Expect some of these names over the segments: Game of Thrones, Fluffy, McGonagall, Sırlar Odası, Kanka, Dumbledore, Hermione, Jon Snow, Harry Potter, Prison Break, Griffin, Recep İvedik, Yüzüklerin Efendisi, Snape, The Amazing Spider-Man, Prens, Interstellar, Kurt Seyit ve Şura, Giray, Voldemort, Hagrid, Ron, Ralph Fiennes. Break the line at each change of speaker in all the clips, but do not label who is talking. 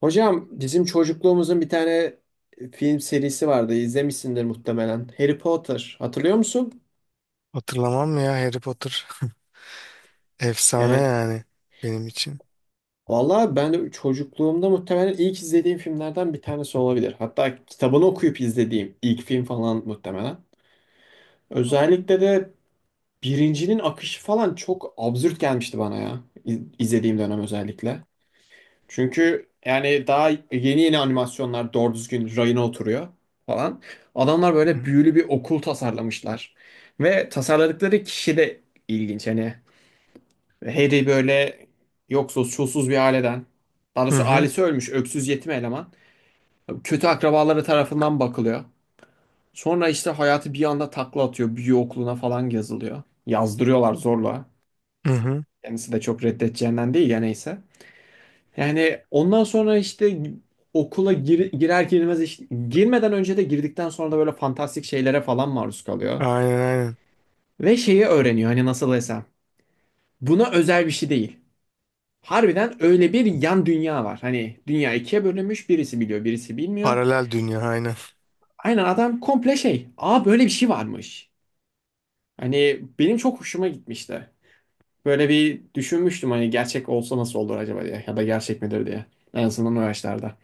Hocam, bizim çocukluğumuzun bir tane film serisi vardı. İzlemişsindir muhtemelen. Harry Potter. Hatırlıyor musun?
Hatırlamam mı ya Harry Potter? Efsane
Yani
yani benim için.
vallahi ben de çocukluğumda muhtemelen ilk izlediğim filmlerden bir tanesi olabilir. Hatta kitabını okuyup izlediğim ilk film falan muhtemelen.
Hı
Özellikle de birincinin akışı falan çok absürt gelmişti bana ya. İzlediğim dönem özellikle. Çünkü yani daha yeni yeni animasyonlar doğru düzgün rayına oturuyor falan. Adamlar böyle
hı.
büyülü bir okul tasarlamışlar. Ve tasarladıkları kişi de ilginç. Hani Harry böyle yoksuz, çulsuz bir aileden. Daha
Hı
doğrusu
hı.
ailesi ölmüş, öksüz yetim eleman. Kötü akrabaları tarafından bakılıyor. Sonra işte hayatı bir anda takla atıyor. Büyü okuluna falan yazılıyor. Yazdırıyorlar zorla.
Hı hı.
Kendisi de çok reddedeceğinden değil ya, neyse. Yani ondan sonra işte okula girer girmez işte, girmeden önce de girdikten sonra da böyle fantastik şeylere falan maruz kalıyor.
Aynen, aynen.
Ve şeyi öğreniyor, hani nasıl desem. Buna özel bir şey değil. Harbiden öyle bir yan dünya var. Hani dünya ikiye bölünmüş, birisi biliyor birisi bilmiyor.
Paralel dünya, aynen.
Aynen, adam komple şey. Aa, böyle bir şey varmış. Hani benim çok hoşuma gitmişti. Böyle bir düşünmüştüm, hani gerçek olsa nasıl olur acaba diye. Ya da gerçek midir diye. En azından o yaşlarda.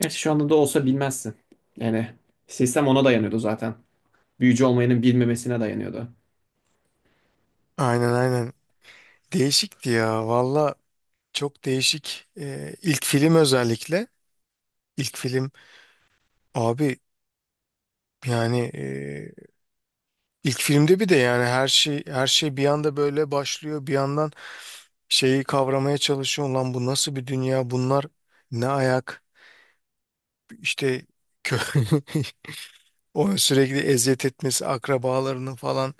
Gerçi şu anda da olsa bilmezsin. Yani sistem ona dayanıyordu zaten. Büyücü olmayanın bilmemesine dayanıyordu.
Aynen, aynen. Değişikti ya. Valla çok değişik. İlk film özellikle. İlk film, abi, yani ilk filmde bir de yani her şey bir anda böyle başlıyor. Bir yandan şeyi kavramaya çalışıyor. Lan, bu nasıl bir dünya? Bunlar ne ayak? İşte kö Onu sürekli eziyet etmesi, akrabalarının falan,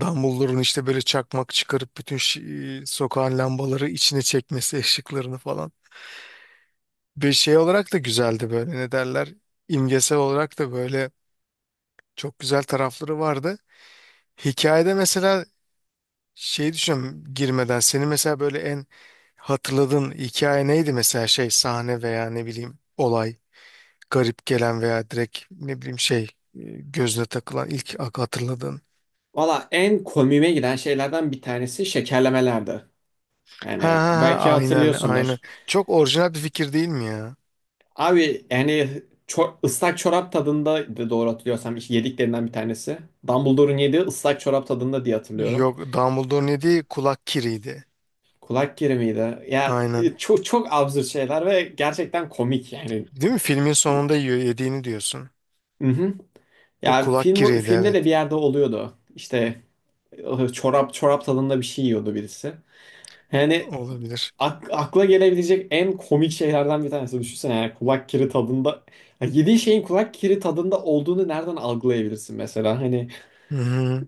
Dumbledore'un işte böyle çakmak çıkarıp bütün sokağın lambaları içine çekmesi, ışıklarını falan. Bir şey olarak da güzeldi, böyle ne derler, imgesel olarak da böyle çok güzel tarafları vardı. Hikayede mesela şey, düşünüyorum girmeden. Senin mesela böyle en hatırladığın hikaye neydi mesela, şey, sahne veya ne bileyim olay, garip gelen veya direkt ne bileyim şey, gözüne takılan ilk hatırladığın.
Valla en komiğime giden şeylerden bir tanesi şekerlemelerdi.
Ha,
Yani
ha, ha,
belki
aynen, aynen.
hatırlıyorsundur.
Çok orijinal bir fikir değil mi ya?
Abi yani ıslak çorap tadında, doğru hatırlıyorsam, yediklerinden bir tanesi. Dumbledore'un yediği ıslak çorap tadında diye hatırlıyorum.
Yok, Dumbledore ne diye, kulak kiriydi.
Kulak kiri miydi? Ya
Aynen.
çok çok absürt şeyler ve gerçekten komik yani.
Değil mi? Filmin sonunda yiyor, yediğini diyorsun.
Hı hı.
O
Ya
kulak
film,
kiriydi,
filmde
evet.
de bir yerde oluyordu. İşte çorap tadında bir şey yiyordu birisi. Yani
Olabilir.
akla gelebilecek en komik şeylerden bir tanesi. Düşünsene, yani kulak kiri tadında. Yani yediği şeyin kulak kiri tadında olduğunu nereden algılayabilirsin mesela? Hani
Hı hı.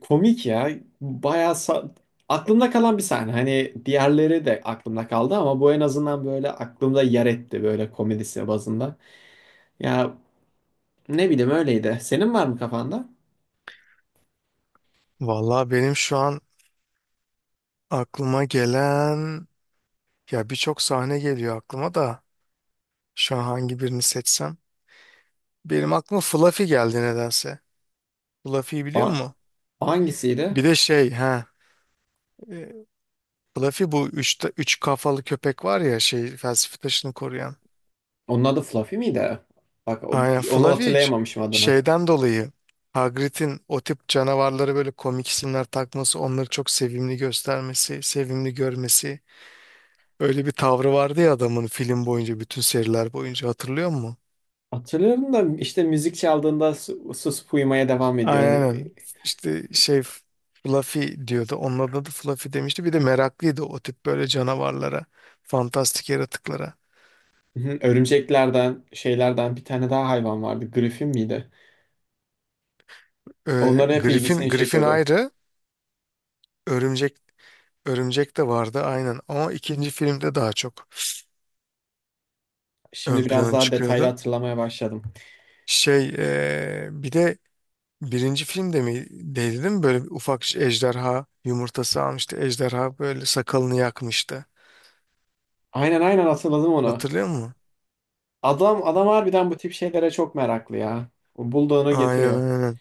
komik ya. Bayağı aklımda kalan bir sahne. Hani diğerleri de aklımda kaldı ama bu en azından böyle aklımda yer etti, böyle komedisi bazında. Ya ne bileyim, öyleydi. Senin var mı kafanda?
Vallahi benim şu an aklıma gelen, ya birçok sahne geliyor aklıma da şu an hangi birini seçsem. Benim aklıma Fluffy geldi nedense. Fluffy'yi biliyor
O-
musun?
Hangisiydi?
Bir de şey, e, Fluffy, bu üç kafalı köpek var ya, şey, felsefe taşını koruyan.
Onun adı Fluffy miydi? Bak,
Aynen,
onu
Flaviç
hatırlayamamışım adını.
şeyden dolayı, Hagrid'in o tip canavarlara böyle komik isimler takması, onları çok sevimli göstermesi, sevimli görmesi. Öyle bir tavrı vardı ya adamın, film boyunca, bütün seriler boyunca, hatırlıyor musun?
Hatırlıyorum da işte, müzik çaldığında susup uyumaya devam ediyor.
Aynen. İşte şey, Fluffy diyordu. Onun adı da Fluffy demişti. Bir de meraklıydı o tip böyle canavarlara, fantastik yaratıklara.
Hı, Örümceklerden, şeylerden bir tane daha hayvan vardı. Griffin miydi? Onların hep
Griffin,
ilgisini
Griffin
çekiyordu.
ayrı, örümcek örümcek de vardı aynen. Ama ikinci filmde daha çok ön
Şimdi biraz
plana
daha detaylı
çıkıyordu.
hatırlamaya başladım.
Şey, bir de birinci filmde mi değdi değil mi? Böyle bir ufak ejderha yumurtası almıştı. Ejderha böyle sakalını yakmıştı.
Aynen, aynen hatırladım onu.
Hatırlıyor musun?
Adam harbiden bu tip şeylere çok meraklı ya. O bulduğunu
Aynen,
getiriyor.
aynen.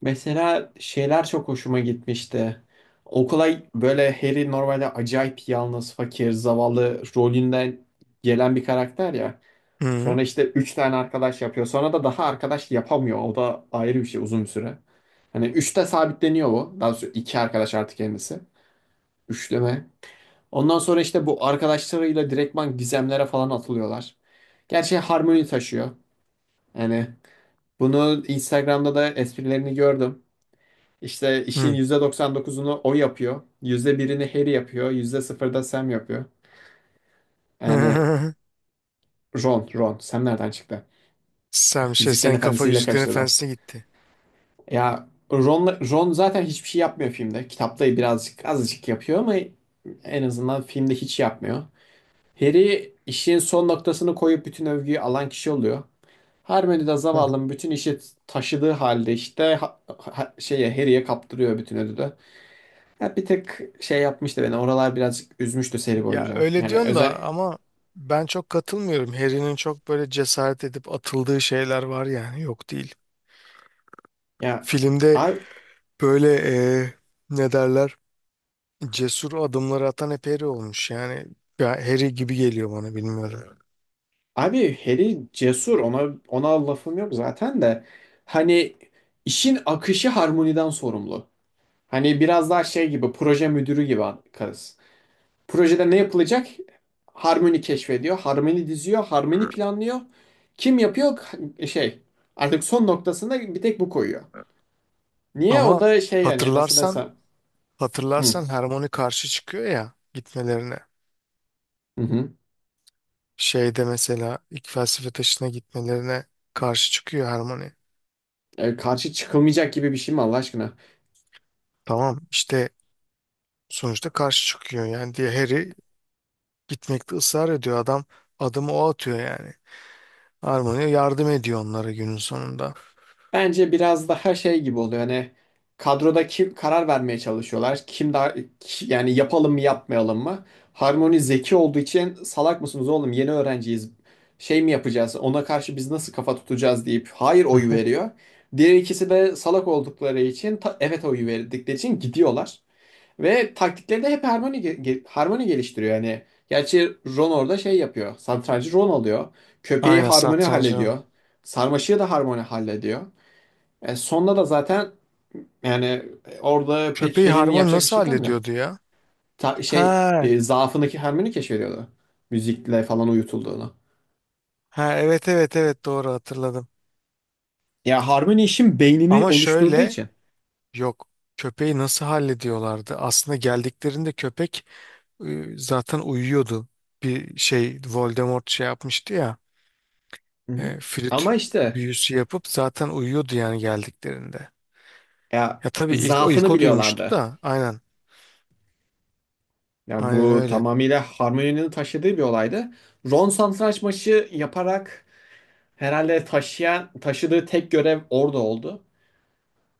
Mesela şeyler çok hoşuma gitmişti. Okula böyle Harry, normalde acayip yalnız, fakir, zavallı rolünden gelen bir karakter ya.
Hı
Sonra işte 3 tane arkadaş yapıyor. Sonra da daha arkadaş yapamıyor. O da ayrı bir şey, uzun bir süre. Hani üçte sabitleniyor bu. Daha sonra 2 arkadaş artık kendisi. Üçleme. Ondan sonra işte bu arkadaşlarıyla direktman gizemlere falan atılıyorlar. Gerçi Harmony taşıyor. Yani bunu Instagram'da da, esprilerini gördüm. İşte işin
hı.
%99'unu o yapıyor. %1'ini Harry yapıyor. %0'da Sam yapıyor. Yani Ron, Ron. Sam nereden çıktı?
Sam şey,
Yüzüklerin
sen kafa
Efendisi'yle
Yüzüklerin
kaçtı da.
Efendisi'ne gitti.
Ya Ron, Ron zaten hiçbir şey yapmıyor filmde. Kitapta birazcık azıcık yapıyor ama en azından filmde hiç yapmıyor. Harry işin son noktasını koyup bütün övgüyü alan kişi oluyor. Hermione de zavallının bütün işi taşıdığı halde işte şeye, Harry'e kaptırıyor bütün ödülü. Ya bir tek şey yapmıştı beni. Oralar birazcık üzmüştü seri
Ya
boyunca.
öyle
Yani
diyorsun
özel,
da ama ben çok katılmıyorum. Harry'nin çok böyle cesaret edip atıldığı şeyler var yani, yok değil.
ya
Filmde
abi,
böyle ne derler? Cesur adımları atan hep Harry olmuş. Yani ya, Harry gibi geliyor bana, bilmiyorum.
Harry cesur, ona lafım yok zaten de, hani işin akışı harmoniden sorumlu. Hani biraz daha şey gibi, proje müdürü gibi kız. Projede ne yapılacak? Harmony keşfediyor, Harmony diziyor, Harmony planlıyor. Kim yapıyor? Şey, artık son noktasında bir tek bu koyuyor. Niye? O
Ama
da şey, yani nasıl
hatırlarsan
desem. Hı,
hatırlarsan Hermione karşı çıkıyor ya gitmelerine.
hı, hı.
Şeyde mesela ilk felsefe taşına gitmelerine karşı çıkıyor Hermione.
E, karşı çıkılmayacak gibi bir şey mi Allah aşkına?
Tamam işte, sonuçta karşı çıkıyor yani diye, Harry gitmekte ısrar ediyor. Adam, adımı o atıyor yani. Hermione yardım ediyor onlara günün sonunda.
Bence biraz daha şey gibi oluyor, hani kadroda kim karar vermeye çalışıyorlar. Kim daha yani, yapalım mı yapmayalım mı? Harmony zeki olduğu için, salak mısınız oğlum, yeni öğrenciyiz. Şey mi yapacağız, ona karşı biz nasıl kafa tutacağız deyip hayır
Hı.
oyu veriyor. Diğer ikisi de salak oldukları için, evet oyu verdikleri için gidiyorlar. Ve taktikleri de hep Harmony, Harmony geliştiriyor yani. Gerçi Ron orada şey yapıyor. Satrancı Ron alıyor. Köpeği
Aynen,
Harmony
satrancı. O.
hallediyor. Sarmaşığı da Harmony hallediyor. E, sonda da zaten, yani orada pek
Köpeği
Harry'nin
Harmony
yapacak bir
nasıl
şey kalmıyor.
hallediyordu ya?
Şey
Ha,
zaafındaki Hermione keşfediyordu. Müzikle falan uyutulduğunu.
ha, evet, evet, evet, doğru hatırladım.
Ya Hermione işin beynini
Ama
oluşturduğu
şöyle,
için.
yok, köpeği nasıl hallediyorlardı? Aslında geldiklerinde köpek, zaten uyuyordu. Bir şey, Voldemort şey yapmıştı ya,
Hı hı.
flüt
Ama işte
büyüsü yapıp zaten uyuyordu yani geldiklerinde.
ya,
Ya tabii ilk o ilk
zaafını
o duymuştu
biliyorlardı.
da aynen,
Ya
aynen
bu
öyle.
tamamıyla Hermione'nin taşıdığı bir olaydı. Ron satranç maçı yaparak herhalde, taşıdığı tek görev orada oldu.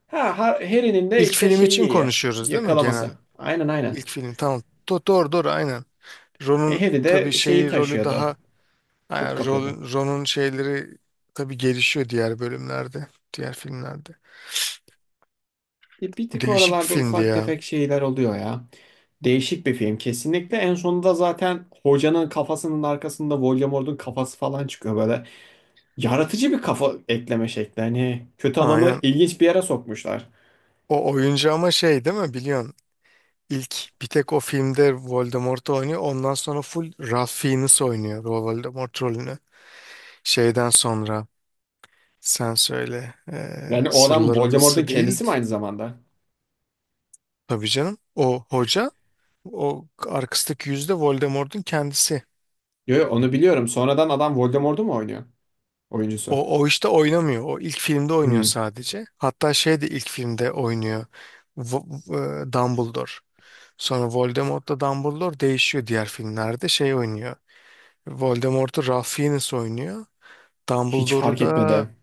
Ha, Harry'nin de
İlk
işte
film
şeyi
için
iyi.
konuşuyoruz değil mi genel?
Yakalaması. Aynen, aynen.
İlk film, tamam. Doğru doğru aynen.
E,
Ron'un
Harry
tabii
de şeyi
şeyi, rolü
taşıyordu.
daha,
Top
yani
kapıyordu.
rol, Ron'un şeyleri tabii gelişiyor diğer bölümlerde, diğer filmlerde.
E, bir tık
Değişik bir
oralarda
filmdi
ufak
ya.
tefek şeyler oluyor ya. Değişik bir film kesinlikle. En sonunda zaten hocanın kafasının arkasında Voldemort'un kafası falan çıkıyor böyle. Yaratıcı bir kafa ekleme şekli. Hani kötü adamı
Aynen.
ilginç bir yere sokmuşlar.
O oyuncu ama şey değil mi, biliyorsun? İlk bir tek o filmde Voldemort oynuyor. Ondan sonra full Ralph Fiennes oynuyor o Voldemort rolünü. Şeyden sonra, sen söyle.
Yani o adam
Sırlar
Voldemort'un
Odası değil,
kendisi mi aynı zamanda?
tabii canım. O hoca, o arkasındaki yüzde Voldemort'un kendisi.
Yo, yo, onu biliyorum. Sonradan adam Voldemort'u mu oynuyor? Oyuncusu.
O, o işte oynamıyor. O ilk filmde oynuyor
Hmm,
sadece. Hatta şey de ilk filmde oynuyor. Dumbledore. Sonra Voldemort'la Dumbledore değişiyor diğer filmlerde. Şey oynuyor. Voldemort'u Ralph Fiennes oynuyor.
hiç fark
Dumbledore'da
etmedi.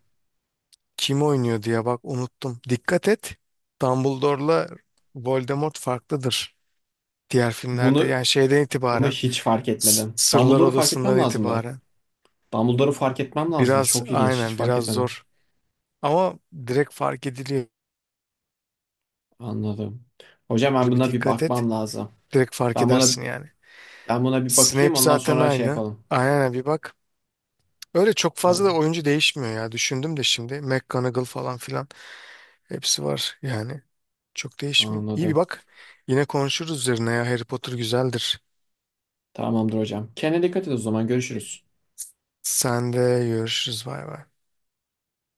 kim oynuyor diye, bak, unuttum. Dikkat et. Dumbledore'la Voldemort farklıdır diğer filmlerde.
Bunu
Yani şeyden
Bunu
itibaren,
hiç fark etmedim.
Sırlar
Dumbledore'u fark etmem
Odası'ndan
lazımdı.
itibaren
Dumbledore'u fark etmem lazımdı.
biraz,
Çok ilginç. Hiç
aynen,
fark
biraz
etmedim.
zor. Ama direkt fark ediliyor.
Anladım. Hocam, ben
Böyle bir
buna bir
dikkat et.
bakmam lazım.
Direkt fark
Ben buna
edersin yani.
ben buna bir
Snape
bakayım, ondan
zaten
sonra şey
aynı.
yapalım.
Aynen, bir bak. Öyle çok fazla da
Tamam.
oyuncu değişmiyor ya. Düşündüm de şimdi. McGonagall falan filan, hepsi var yani. Çok değişmiyor. İyi bir
Anladım.
bak. Yine konuşuruz üzerine ya. Harry Potter güzeldir.
Tamamdır hocam. Kendine dikkat et o zaman. Görüşürüz.
Sen de, görüşürüz. Bay bay.